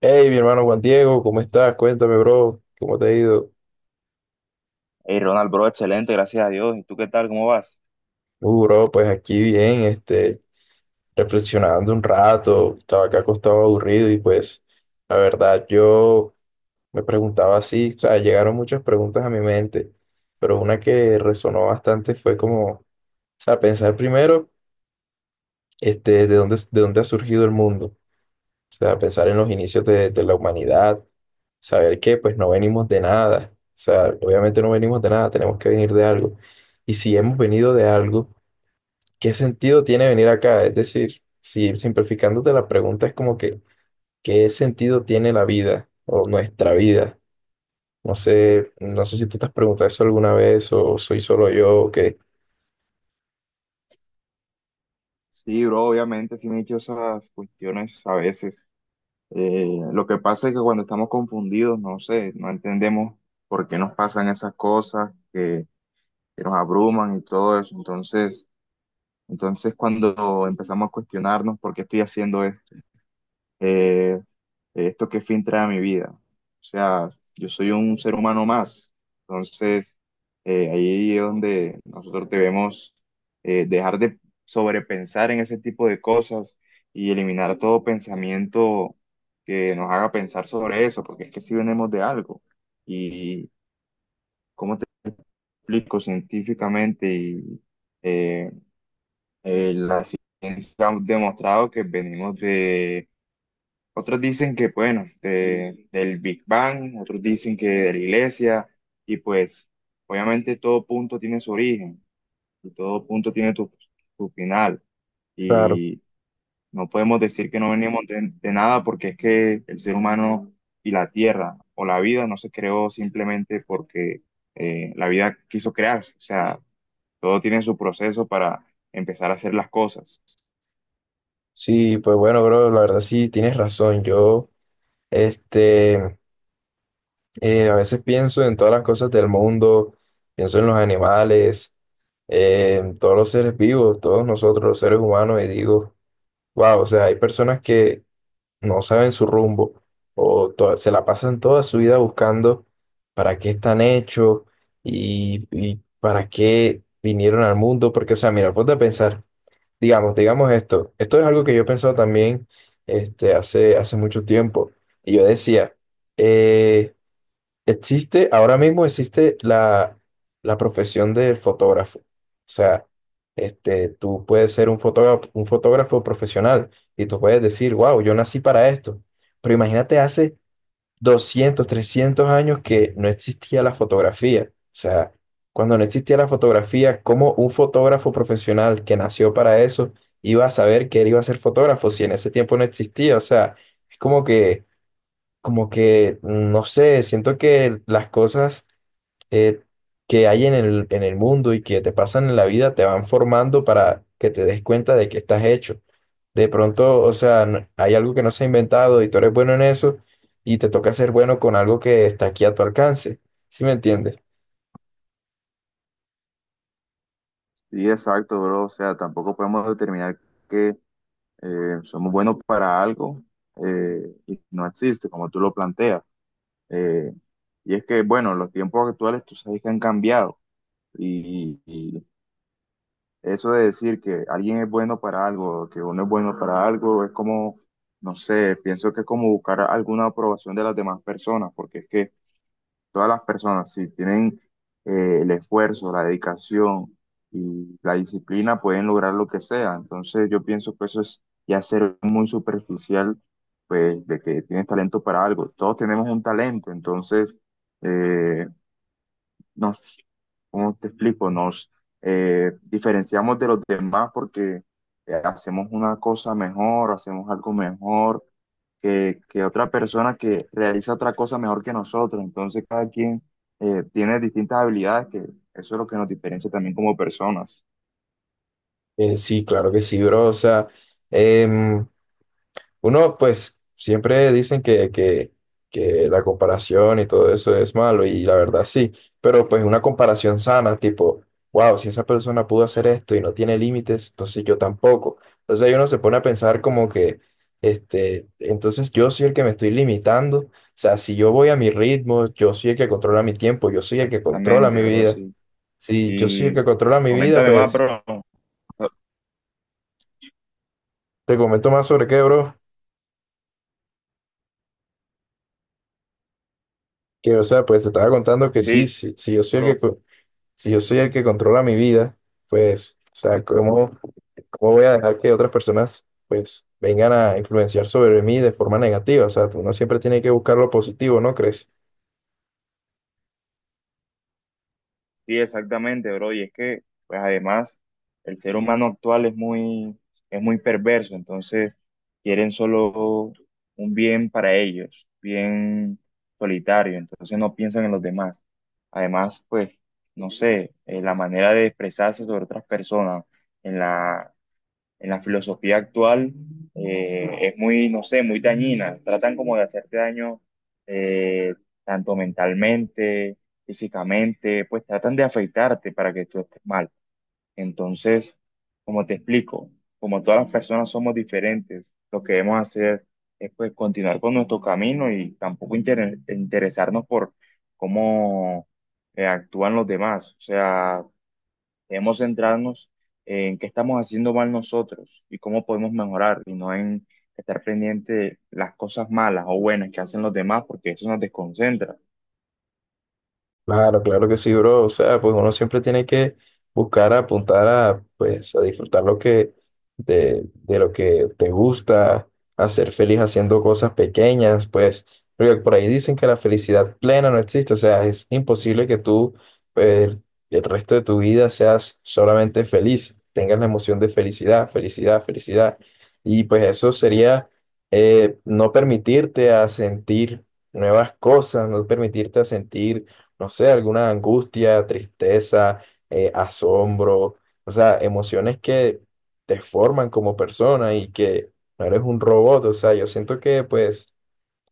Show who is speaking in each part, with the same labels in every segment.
Speaker 1: Hey, mi hermano Juan Diego, ¿cómo estás? Cuéntame, bro, ¿cómo te ha ido?
Speaker 2: Hey, Ronald, bro, excelente, gracias a Dios. ¿Y tú qué tal? ¿Cómo vas?
Speaker 1: Bro, pues aquí bien, reflexionando un rato, estaba acá acostado aburrido y pues, la verdad, yo me preguntaba así, o sea, llegaron muchas preguntas a mi mente, pero una que resonó bastante fue como, o sea, pensar primero, de dónde ha surgido el mundo. O sea, pensar en los inicios de la humanidad, saber que pues no venimos de nada. O sea, obviamente no venimos de nada, tenemos que venir de algo. Y si hemos venido de algo, ¿qué sentido tiene venir acá? Es decir, si simplificándote la pregunta es como que, ¿qué sentido tiene la vida o nuestra vida? No sé, no sé si tú te has preguntado eso alguna vez o soy solo yo o qué.
Speaker 2: Sí, bro, obviamente sí me he hecho esas cuestiones a veces. Eh, lo que pasa es que cuando estamos confundidos, no sé, no entendemos por qué nos pasan esas cosas que nos abruman y todo eso. Entonces cuando empezamos a cuestionarnos por qué estoy haciendo esto, eh, de esto que fin trae a mi vida. O sea, yo soy un ser humano más. Entonces, ahí es donde nosotros debemos dejar de sobrepensar en ese tipo de cosas y eliminar todo pensamiento que nos haga pensar sobre eso, porque es que si venimos de algo. Y cómo te explico científicamente y eh, la ciencia ha demostrado que venimos de otros dicen que, bueno, del Big Bang, otros dicen que de la iglesia, y pues obviamente todo punto tiene su origen, y todo punto tiene su final,
Speaker 1: Claro.
Speaker 2: y no podemos decir que no venimos de nada porque es que el ser humano y la tierra o la vida no se creó simplemente porque la vida quiso crearse, o sea, todo tiene su proceso para empezar a hacer las cosas.
Speaker 1: Sí, pues bueno, bro, la verdad sí tienes razón. Yo, este... a veces pienso en todas las cosas del mundo, pienso en los animales, en todos los seres vivos, todos nosotros los seres humanos, y digo, wow, o sea, hay personas que no saben su rumbo o se la pasan toda su vida buscando para qué están hechos y para qué vinieron al mundo, porque, o sea, mira, ponte a pensar, digamos, digamos esto, esto es algo que yo he pensado también hace, hace mucho tiempo, y yo decía, eh, existe, ahora mismo existe la profesión del fotógrafo. O sea, tú puedes ser un fotógrafo profesional y tú puedes decir, wow, yo nací para esto. Pero imagínate hace 200 300 años que no existía la fotografía. O sea, cuando no existía la fotografía, ¿cómo un fotógrafo profesional que nació para eso iba a saber que él iba a ser fotógrafo si en ese tiempo no existía? O sea, es como que no sé, siento que las cosas eh, que hay en en el mundo y que te pasan en la vida te van formando para que te des cuenta de que estás hecho. De pronto, o sea, hay algo que no se ha inventado y tú eres bueno en eso y te toca ser bueno con algo que está aquí a tu alcance. ¿Sí me entiendes?
Speaker 2: Sí, exacto, bro. O sea, tampoco podemos determinar que somos buenos para algo y no existe, como tú lo planteas. Eh, y es que, bueno, los tiempos actuales tú sabes que han cambiado y eso de decir que alguien es bueno para algo, que uno es bueno para algo, es como, no sé, pienso que es como buscar alguna aprobación de las demás personas, porque es que todas las personas, si tienen el esfuerzo, la dedicación y la disciplina, pueden lograr lo que sea. Entonces, yo pienso que eso es ya ser muy superficial, pues, de que tienes talento para algo. Todos tenemos un talento, entonces, eh, nos, ¿cómo te explico? Nos diferenciamos de los demás porque hacemos una cosa mejor, hacemos algo mejor que otra persona que realiza otra cosa mejor que nosotros. Entonces cada quien tiene distintas habilidades que eso es lo que nos diferencia también como personas.
Speaker 1: Sí, claro que sí, bro. O sea, em, uno, pues, siempre dicen que la comparación y todo eso es malo, y la verdad sí, pero pues una comparación sana, tipo, wow, si esa persona pudo hacer esto y no tiene límites, entonces yo tampoco. Entonces ahí uno se pone a pensar como que, entonces yo soy el que me estoy limitando, o sea, si yo voy a mi ritmo, yo soy el que controla mi tiempo, yo soy el que controla
Speaker 2: Exactamente,
Speaker 1: mi
Speaker 2: bro,
Speaker 1: vida.
Speaker 2: sí.
Speaker 1: Si yo soy el
Speaker 2: Y
Speaker 1: que controla mi vida,
Speaker 2: coméntame más,
Speaker 1: pues,
Speaker 2: bro.
Speaker 1: te comento más sobre qué, bro. Que, o sea, pues te estaba contando que sí,
Speaker 2: Sí,
Speaker 1: sí, sí, yo soy el que, si yo soy el que controla mi vida, pues, o sea, ¿cómo, cómo voy a dejar que otras personas, pues, vengan a influenciar sobre mí de forma negativa? O sea, uno siempre tiene que buscar lo positivo, ¿no crees?
Speaker 2: sí, exactamente, bro. Y es que, pues además, el ser humano actual es muy perverso, entonces quieren solo un bien para ellos, bien solitario, entonces no piensan en los demás. Además, pues, no sé, la manera de expresarse sobre otras personas, en la, en la filosofía actual es muy, no sé, muy dañina. Tratan como de hacerte daño, eh, tanto mentalmente, físicamente, pues tratan de afectarte para que tú estés mal. Entonces, como te explico, como todas las personas somos diferentes, lo que debemos hacer es pues continuar con nuestro camino y tampoco interesarnos por cómo actúan los demás. O sea, debemos centrarnos en qué estamos haciendo mal nosotros y cómo podemos mejorar y no en estar pendiente de las cosas malas o buenas que hacen los demás porque eso nos desconcentra.
Speaker 1: Claro, claro que sí, bro. O sea, pues uno siempre tiene que buscar apuntar a, pues, a disfrutar lo que, de lo que te gusta, a ser feliz haciendo cosas pequeñas, pues, porque por ahí dicen que la felicidad plena no existe. O sea, es imposible que tú, eh, el resto de tu vida seas solamente feliz, tengas la emoción de felicidad, felicidad, felicidad. Y pues eso sería no permitirte a sentir nuevas cosas, no permitirte a sentir no sé, alguna angustia, tristeza, asombro, o sea, emociones que te forman como persona y que no eres un robot, o sea, yo siento que pues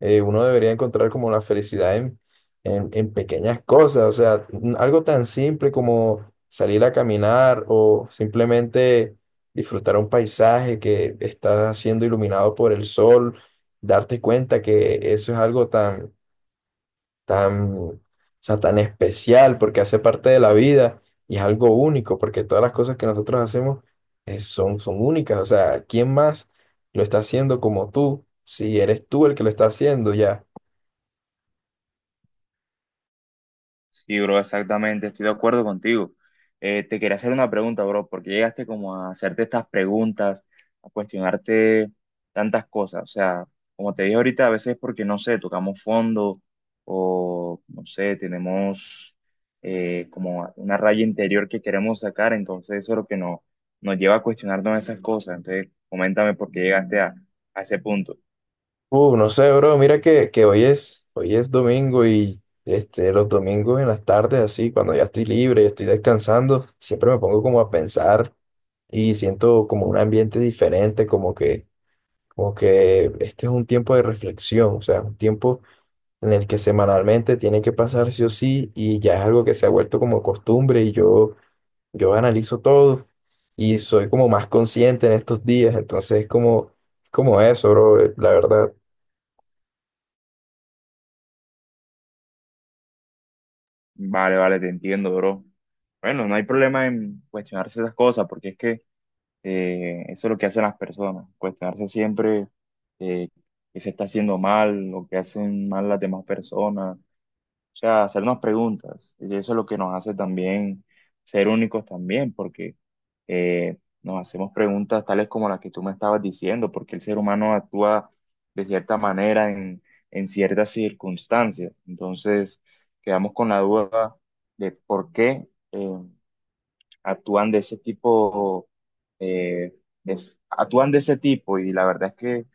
Speaker 1: uno debería encontrar como la felicidad en, en pequeñas cosas, o sea, algo tan simple como salir a caminar o simplemente disfrutar un paisaje que está siendo iluminado por el sol, darte cuenta que eso es algo tan tan, o sea, tan especial, porque hace parte de la vida y es algo único, porque todas las cosas que nosotros hacemos son, son únicas. O sea, ¿quién más lo está haciendo como tú? Si eres tú el que lo está haciendo ya.
Speaker 2: Sí, bro, exactamente, estoy de acuerdo contigo. Te quería hacer una pregunta, bro, porque llegaste como a hacerte estas preguntas, a cuestionarte tantas cosas. O sea, como te dije ahorita, a veces porque, no sé, tocamos fondo o, no sé, tenemos como una raya interior que queremos sacar, entonces eso es lo que nos lleva a cuestionarnos esas cosas. Entonces, coméntame por qué llegaste a ese punto.
Speaker 1: No sé, bro, mira que hoy es domingo y los domingos en las tardes, así, cuando ya estoy libre y estoy descansando, siempre me pongo como a pensar y siento como un ambiente diferente, como que este es un tiempo de reflexión, o sea, un tiempo en el que semanalmente tiene que pasar sí o sí y ya es algo que se ha vuelto como costumbre y yo analizo todo y soy como más consciente en estos días, entonces es como, como eso, bro, la verdad.
Speaker 2: Vale, vale, te entiendo, bro. Bueno, no hay problema en cuestionarse esas cosas, porque es que… eso es lo que hacen las personas, cuestionarse siempre eh, qué se está haciendo mal, lo que hacen mal las demás personas, o sea, hacernos preguntas. Y eso es lo que nos hace también ser únicos también, porque nos hacemos preguntas tales como las que tú me estabas diciendo, porque el ser humano actúa de cierta manera en ciertas circunstancias. Entonces, quedamos con la duda de por qué eh, actúan de ese tipo, eh, actúan de ese tipo y la verdad es que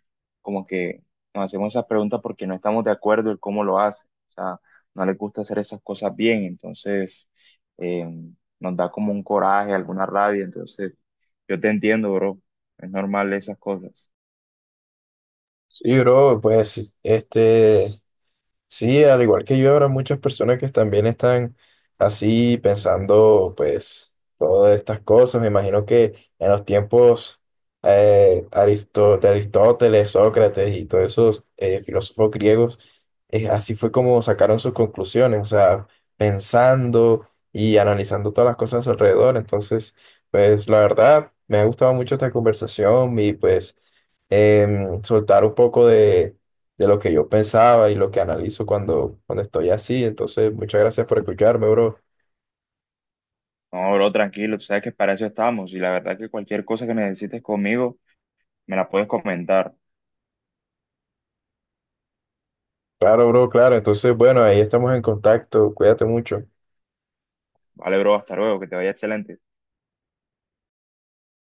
Speaker 2: como que nos hacemos esas preguntas porque no estamos de acuerdo en cómo lo hacen, o sea, no les gusta hacer esas cosas bien, entonces eh, nos da como un coraje, alguna rabia, entonces yo te entiendo, bro, es normal esas cosas.
Speaker 1: Sí, bro, pues este... Sí, al igual que yo, habrá muchas personas que también están así pensando, pues, todas estas cosas. Me imagino que en los tiempos de Aristóteles, Sócrates y todos esos filósofos griegos, así fue como sacaron sus conclusiones, o sea, pensando y analizando todas las cosas a su alrededor. Entonces, pues, la verdad, me ha gustado mucho esta conversación y pues soltar un poco de lo que yo pensaba y lo que analizo cuando, cuando estoy así. Entonces, muchas gracias por escucharme, bro.
Speaker 2: No, bro, tranquilo, tú sabes que para eso estamos y la verdad que cualquier cosa que necesites conmigo me la puedes comentar.
Speaker 1: Claro, bro, claro. Entonces, bueno, ahí estamos en contacto. Cuídate mucho.
Speaker 2: Vale, bro, hasta luego, que te vaya excelente.